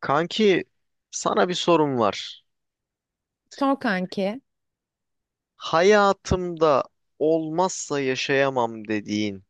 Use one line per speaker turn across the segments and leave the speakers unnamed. Kanki sana bir sorum var.
Sor kanki.
Hayatımda olmazsa yaşayamam dediğin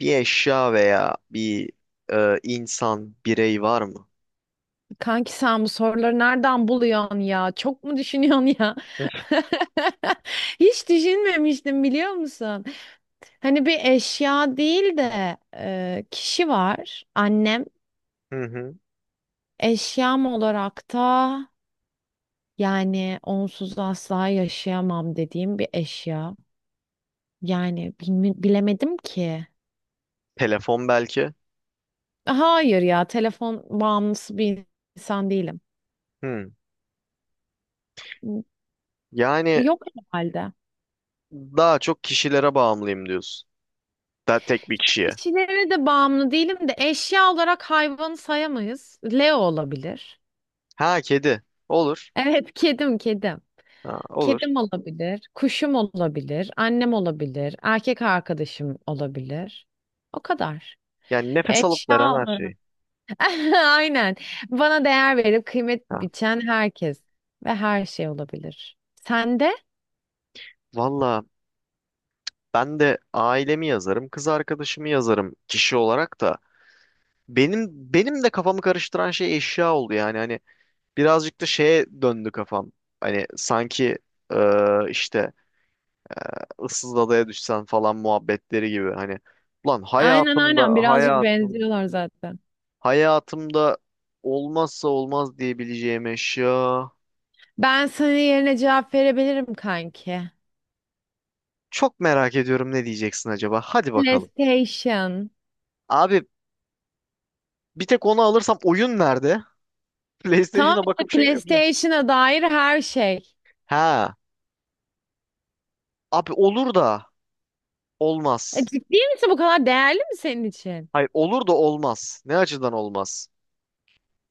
bir eşya veya bir insan, birey var mı?
Kanki sen bu soruları nereden buluyorsun ya? Çok mu düşünüyorsun ya? Hiç düşünmemiştim biliyor musun? Hani bir eşya değil de kişi var. Annem
Hı hı.
eşyam olarak da yani onsuz asla yaşayamam dediğim bir eşya. Yani bilemedim ki.
Telefon belki.
Hayır ya telefon bağımlısı bir insan değilim.
Hı. Yani
Yok herhalde.
daha çok kişilere bağımlıyım diyorsun. Daha tek bir kişiye.
Kişilere de bağımlı değilim de eşya olarak hayvanı sayamayız. Leo olabilir.
Ha kedi. Olur.
Evet, kedim, kedim.
Ha, olur.
Kedim olabilir, kuşum olabilir, annem olabilir, erkek arkadaşım olabilir. O kadar.
Yani nefes alıp
Eşya
veren her
olarak.
şey.
Aynen. Bana değer verip kıymet
Ha.
biçen herkes ve her şey olabilir. Sen de?
Valla ben de ailemi yazarım, kız arkadaşımı yazarım kişi olarak da. Benim benim de kafamı karıştıran şey eşya oldu yani hani birazcık da şeye döndü kafam. Hani sanki işte ıssız adaya düşsen falan muhabbetleri gibi hani ulan
Aynen aynen birazcık benziyorlar zaten.
hayatımda olmazsa olmaz diyebileceğim eşya.
Ben senin yerine cevap verebilirim kanki.
Çok merak ediyorum ne diyeceksin acaba? Hadi bakalım.
PlayStation.
Abi bir tek onu alırsam oyun nerede?
Tamam
PlayStation'a
işte
bakıp şey mi yapacağım?
PlayStation'a dair her şey.
Ha. Abi olur da olmaz.
Ciddi misin bu kadar değerli mi senin için?
Hayır olur da olmaz. Ne açıdan olmaz?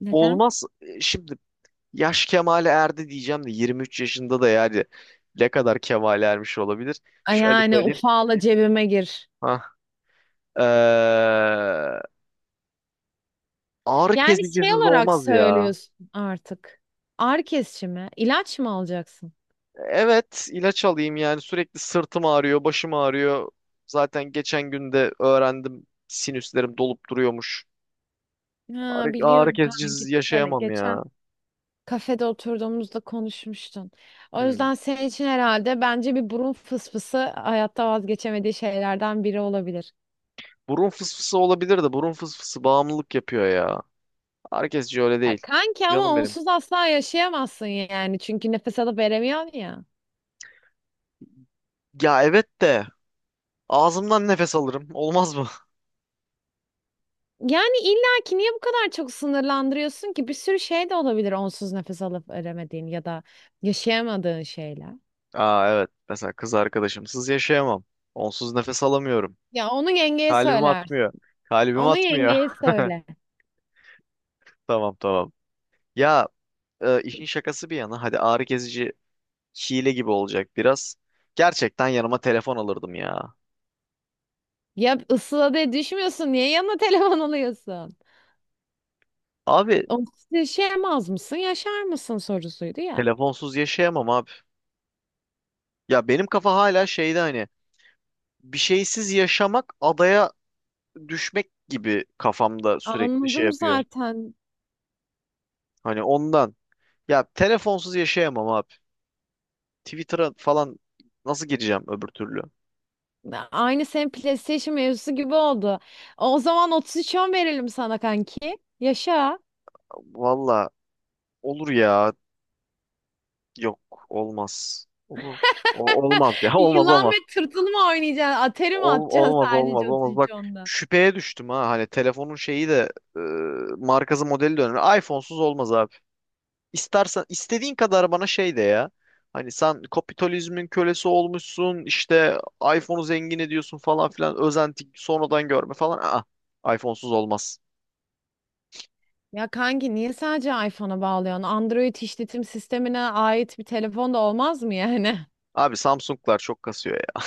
Neden?
Olmaz. E, şimdi yaş kemale erdi diyeceğim de 23 yaşında da yani ne kadar kemale ermiş olabilir?
Ay
Şöyle
yani
söyleyeyim.
ufala cebime gir.
Ha. Ağrı
Yani şey
kesicisiz
olarak
olmaz ya.
söylüyorsun artık. Ağrı kesici mi? İlaç mı alacaksın?
Evet ilaç alayım yani sürekli sırtım ağrıyor, başım ağrıyor. Zaten geçen gün de öğrendim sinüslerim dolup duruyormuş.
Ha,
Ağrı
biliyorum kanki.
kesicisiz
Hele
yaşayamam
geçen
ya.
kafede oturduğumuzda konuşmuştun. O
Hmm.
yüzden senin için herhalde bence bir burun fısfısı hayatta vazgeçemediği şeylerden biri olabilir.
Burun fısfısı olabilir de burun fısfısı bağımlılık yapıyor ya. Herkesci öyle
Ya
değil.
kanki ama
Canım benim.
onsuz asla yaşayamazsın yani. Çünkü nefes alıp veremiyorsun ya.
Ya evet de ağzımdan nefes alırım. Olmaz mı?
Yani illa ki niye bu kadar çok sınırlandırıyorsun ki? Bir sürü şey de olabilir onsuz nefes alıp veremediğin ya da yaşayamadığın şeyler.
Aa, evet. Mesela kız arkadaşımsız yaşayamam. Onsuz nefes alamıyorum.
Ya onu yengeye
Kalbim
söylersin.
atmıyor. Kalbim
Onu
atmıyor.
yengeye söyle.
Tamam tamam. Ya işin şakası bir yana hadi ağrı kesici hile gibi olacak biraz. Gerçekten yanıma telefon alırdım ya.
Ya ısıla diye düşmüyorsun. Niye yanına telefon alıyorsun?
Abi
Onsuz yaşayamaz mısın? Yaşar mısın sorusuydu ya.
telefonsuz yaşayamam abi. Ya benim kafa hala şeyde hani bir şeysiz yaşamak adaya düşmek gibi kafamda sürekli şey
Anladım
yapıyor.
zaten.
Hani ondan. Ya telefonsuz yaşayamam abi. Twitter'a falan nasıl gireceğim öbür türlü?
Aynı senin PlayStation mevzusu gibi oldu. O zaman 33 10 verelim sana kanki. Yaşa.
Valla olur ya. Yok olmaz. Olur. Olmaz ya. Olmaz
Yılan
olmaz.
ve tırtıl mı oynayacaksın? Atari mi atacaksın
Olmaz olmaz
sadece otuz
olmaz.
üç
Bak
onda.
şüpheye düştüm ha. Hani telefonun şeyi de e, markası modeli de önemli. iPhone'suz olmaz abi. İstersen istediğin kadar bana şey de ya. Hani sen kapitalizmin kölesi olmuşsun. İşte iPhone'u zengin ediyorsun falan filan. Özenti sonradan görme falan. Aa, iPhone'suz olmaz.
Ya kanki niye sadece iPhone'a bağlıyorsun? Android işletim sistemine ait bir telefon da olmaz mı yani?
Abi Samsung'lar çok kasıyor ya.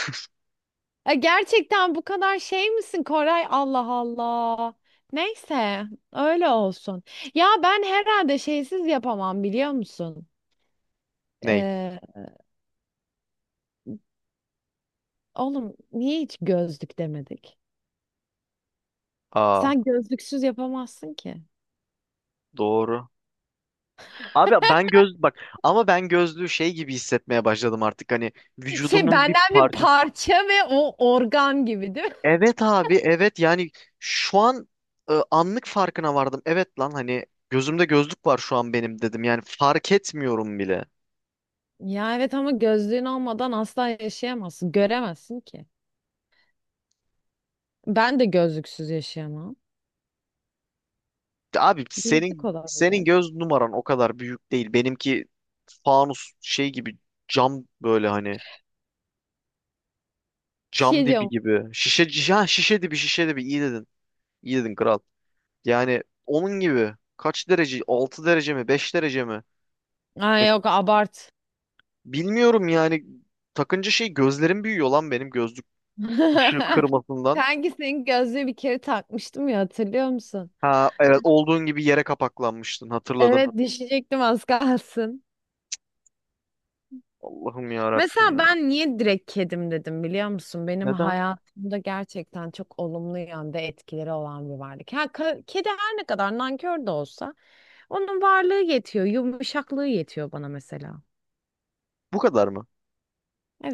Ya gerçekten bu kadar şey misin Koray? Allah Allah. Neyse öyle olsun. Ya ben herhalde şeysiz yapamam biliyor musun?
Ney?
Ee, oğlum niye hiç gözlük demedik?
Aa,
Sen gözlüksüz yapamazsın ki.
doğru. Abi ben göz bak ama ben gözlüğü şey gibi hissetmeye başladım artık hani
Şey
vücudumun bir
benden bir
parçası.
parça ve o organ gibi değil mi?
Evet abi evet yani şu an anlık farkına vardım. Evet lan hani gözümde gözlük var şu an benim dedim yani fark etmiyorum bile.
Ya evet ama gözlüğün olmadan asla yaşayamazsın. Göremezsin ki. Ben de gözlüksüz yaşayamam.
Abi
Gözlük
senin
olabilir.
göz numaran o kadar büyük değil. Benimki fanus şey gibi cam böyle hani
Bir
cam
şey
dibi
diyorum.
gibi şişe ha, şişe dibi şişe dibi iyi dedin. İyi dedin kral. Yani onun gibi kaç derece? 6 derece mi? 5 derece mi?
Ay
Ya,
yok abart.
bilmiyorum yani. Takınca şey gözlerim büyüyor lan benim gözlük ışığı kırmasından.
Kanki senin gözlüğü bir kere takmıştım ya hatırlıyor musun?
Ha
Ya,
evet olduğun gibi yere kapaklanmıştın hatırladım.
evet düşecektim az kalsın.
Allah'ım ya Rabbim
Mesela
ya.
ben niye direkt kedim dedim biliyor musun? Benim
Neden?
hayatımda gerçekten çok olumlu yönde etkileri olan bir varlık. Ha, kedi her ne kadar nankör de olsa onun varlığı yetiyor, yumuşaklığı yetiyor bana mesela.
Bu kadar mı?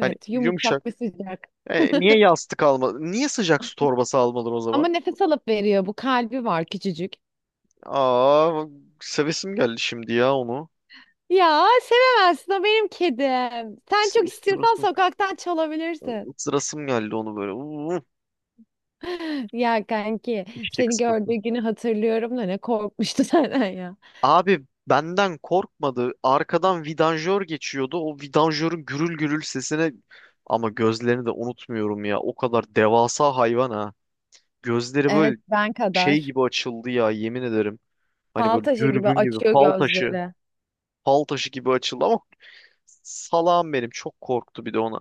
Hani yumuşak.
yumuşak ve sıcak.
E, niye yastık almadın? Niye sıcak su torbası almadın o
Ama
zaman?
nefes alıp veriyor. Bu kalbi var küçücük.
Aa, sevesim geldi şimdi ya onu.
Ya sevemezsin o benim kedim. Sen
Is-
çok istiyorsan
ısırasım,
sokaktan çalabilirsin.
ısırasım geldi onu böyle. Uuu,
Ya kanki
eşek
seni gördüğü
sıpası.
günü hatırlıyorum da ne korkmuştu senden ya.
Abi benden korkmadı. Arkadan vidanjör geçiyordu. O vidanjörün gürül gürül sesine ama gözlerini de unutmuyorum ya. O kadar devasa hayvan ha. Gözleri böyle
Evet ben
şey
kadar.
gibi açıldı ya yemin ederim. Hani
Fal
böyle
taşı gibi
dürbün gibi
açıyor
fal taşı,
gözleri.
fal taşı gibi açıldı ama salağım benim çok korktu bir de ona.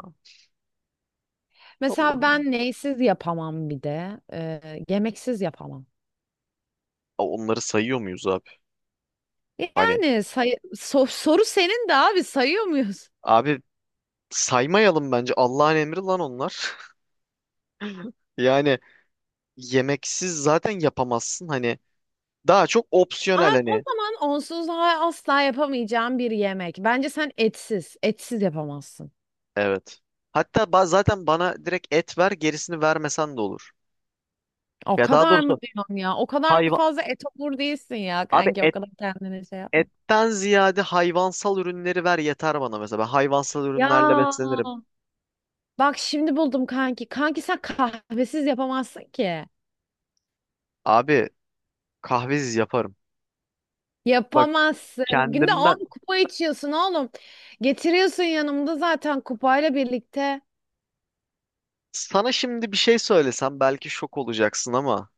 Mesela
Allah'ım.
ben neysiz yapamam bir de. Yemeksiz yapamam.
Ya, onları sayıyor muyuz abi? Hani
Yani say soru senin de abi sayıyor muyuz?
abi saymayalım bence. Allah'ın emri lan onlar. Yani yemeksiz zaten yapamazsın. Hani daha çok opsiyonel
Aa, o
hani.
zaman onsuz asla yapamayacağım bir yemek. Bence sen etsiz, etsiz yapamazsın.
Evet. Hatta zaten bana direkt et ver gerisini vermesen de olur.
O
Ya daha
kadar mı
doğrusu
diyorsun ya? O kadar
hayvan
fazla etobur değilsin ya
abi
kanki. O kadar kendine şey yapma.
etten ziyade hayvansal ürünleri ver yeter bana mesela. Ben hayvansal
Ya
ürünlerle beslenirim.
bak şimdi buldum kanki. Kanki sen kahvesiz yapamazsın ki.
Abi kahvesiz yaparım. Bak
Yapamazsın. Günde
kendimden
10 kupa içiyorsun oğlum. Getiriyorsun yanımda zaten kupayla birlikte.
sana şimdi bir şey söylesem belki şok olacaksın ama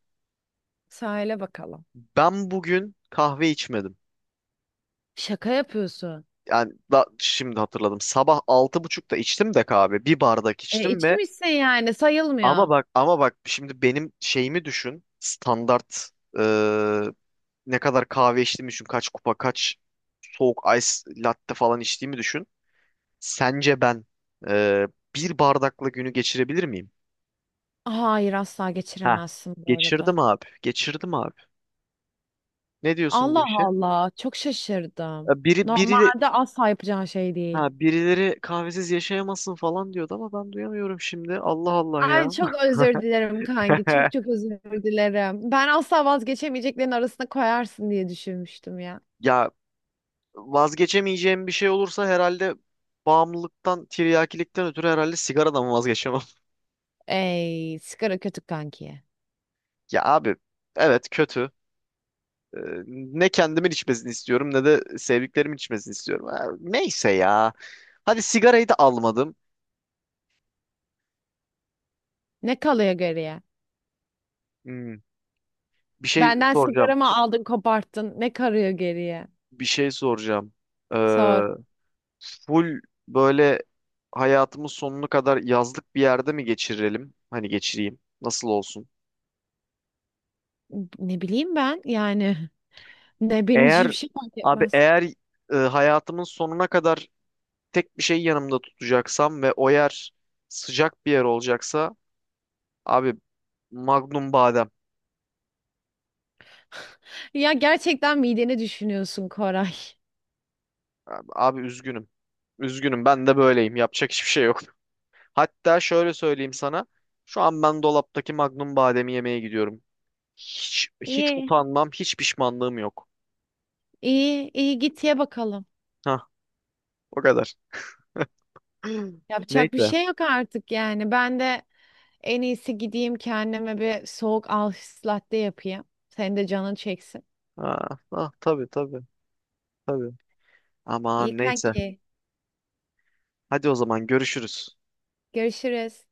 Sahile bakalım.
ben bugün kahve içmedim.
Şaka yapıyorsun.
Yani da, şimdi hatırladım. Sabah 6.30'ta içtim de kahve. Bir bardak
E,
içtim.
içmişsin yani
Ama
sayılmıyor.
bak ama bak şimdi benim şeyimi düşün. Standart e, ne kadar kahve içtiğimi düşün. Kaç kupa kaç soğuk ice latte falan içtiğimi düşün. Sence ben e, bir bardakla günü geçirebilir miyim?
Hayır asla
Ha,
geçiremezsin bu arada.
geçirdim abi. Geçirdim abi. Ne diyorsun bu
Allah
işe?
Allah çok
E,
şaşırdım.
Biri biri
Normalde asla yapacağın şey değil.
ha birileri kahvesiz yaşayamazsın falan diyordu ama ben duyamıyorum şimdi. Allah Allah
Ay
ya.
çok özür dilerim kanki. Çok çok özür dilerim. Ben asla vazgeçemeyeceklerin arasına koyarsın diye düşünmüştüm ya.
Ya, vazgeçemeyeceğim bir şey olursa herhalde bağımlılıktan, tiryakilikten ötürü herhalde sigaradan vazgeçemem.
Ey sigara kötü kanki.
Ya abi evet kötü. Ee, ne kendimin içmesini istiyorum ne de sevdiklerimin içmesini istiyorum. Ha, neyse ya. Hadi sigarayı da almadım.
Ne kalıyor geriye?
Hmm, bir şey
Benden
soracağım.
sigaramı aldın, koparttın. Ne karıyor geriye?
Bir şey soracağım. Ee,
Sor.
full böyle hayatımın sonuna kadar yazlık bir yerde mi geçirelim? Hani geçireyim. Nasıl olsun?
Ne bileyim ben yani. Ne benim için
Eğer
bir şey fark
abi
etmez.
hayatımın sonuna kadar tek bir şey yanımda tutacaksam ve o yer sıcak bir yer olacaksa abi Magnum badem.
Ya gerçekten mideni düşünüyorsun Koray.
Abi, abi üzgünüm. Üzgünüm ben de böyleyim. Yapacak hiçbir şey yok. Hatta şöyle söyleyeyim sana. Şu an ben dolaptaki Magnum bademi yemeye gidiyorum. Hiç, hiç
İyi.
utanmam, hiç pişmanlığım yok.
İyi, iyi git ye bakalım.
Hah, o kadar.
Yapacak bir
Neyse.
şey yok artık yani. Ben de en iyisi gideyim kendime bir soğuk Alsız latte yapayım. Senin de canın çeksin.
Ha, ah, tabii tabii tabii.
İyi
Aman neyse.
kanki.
Hadi o zaman görüşürüz.
Görüşürüz.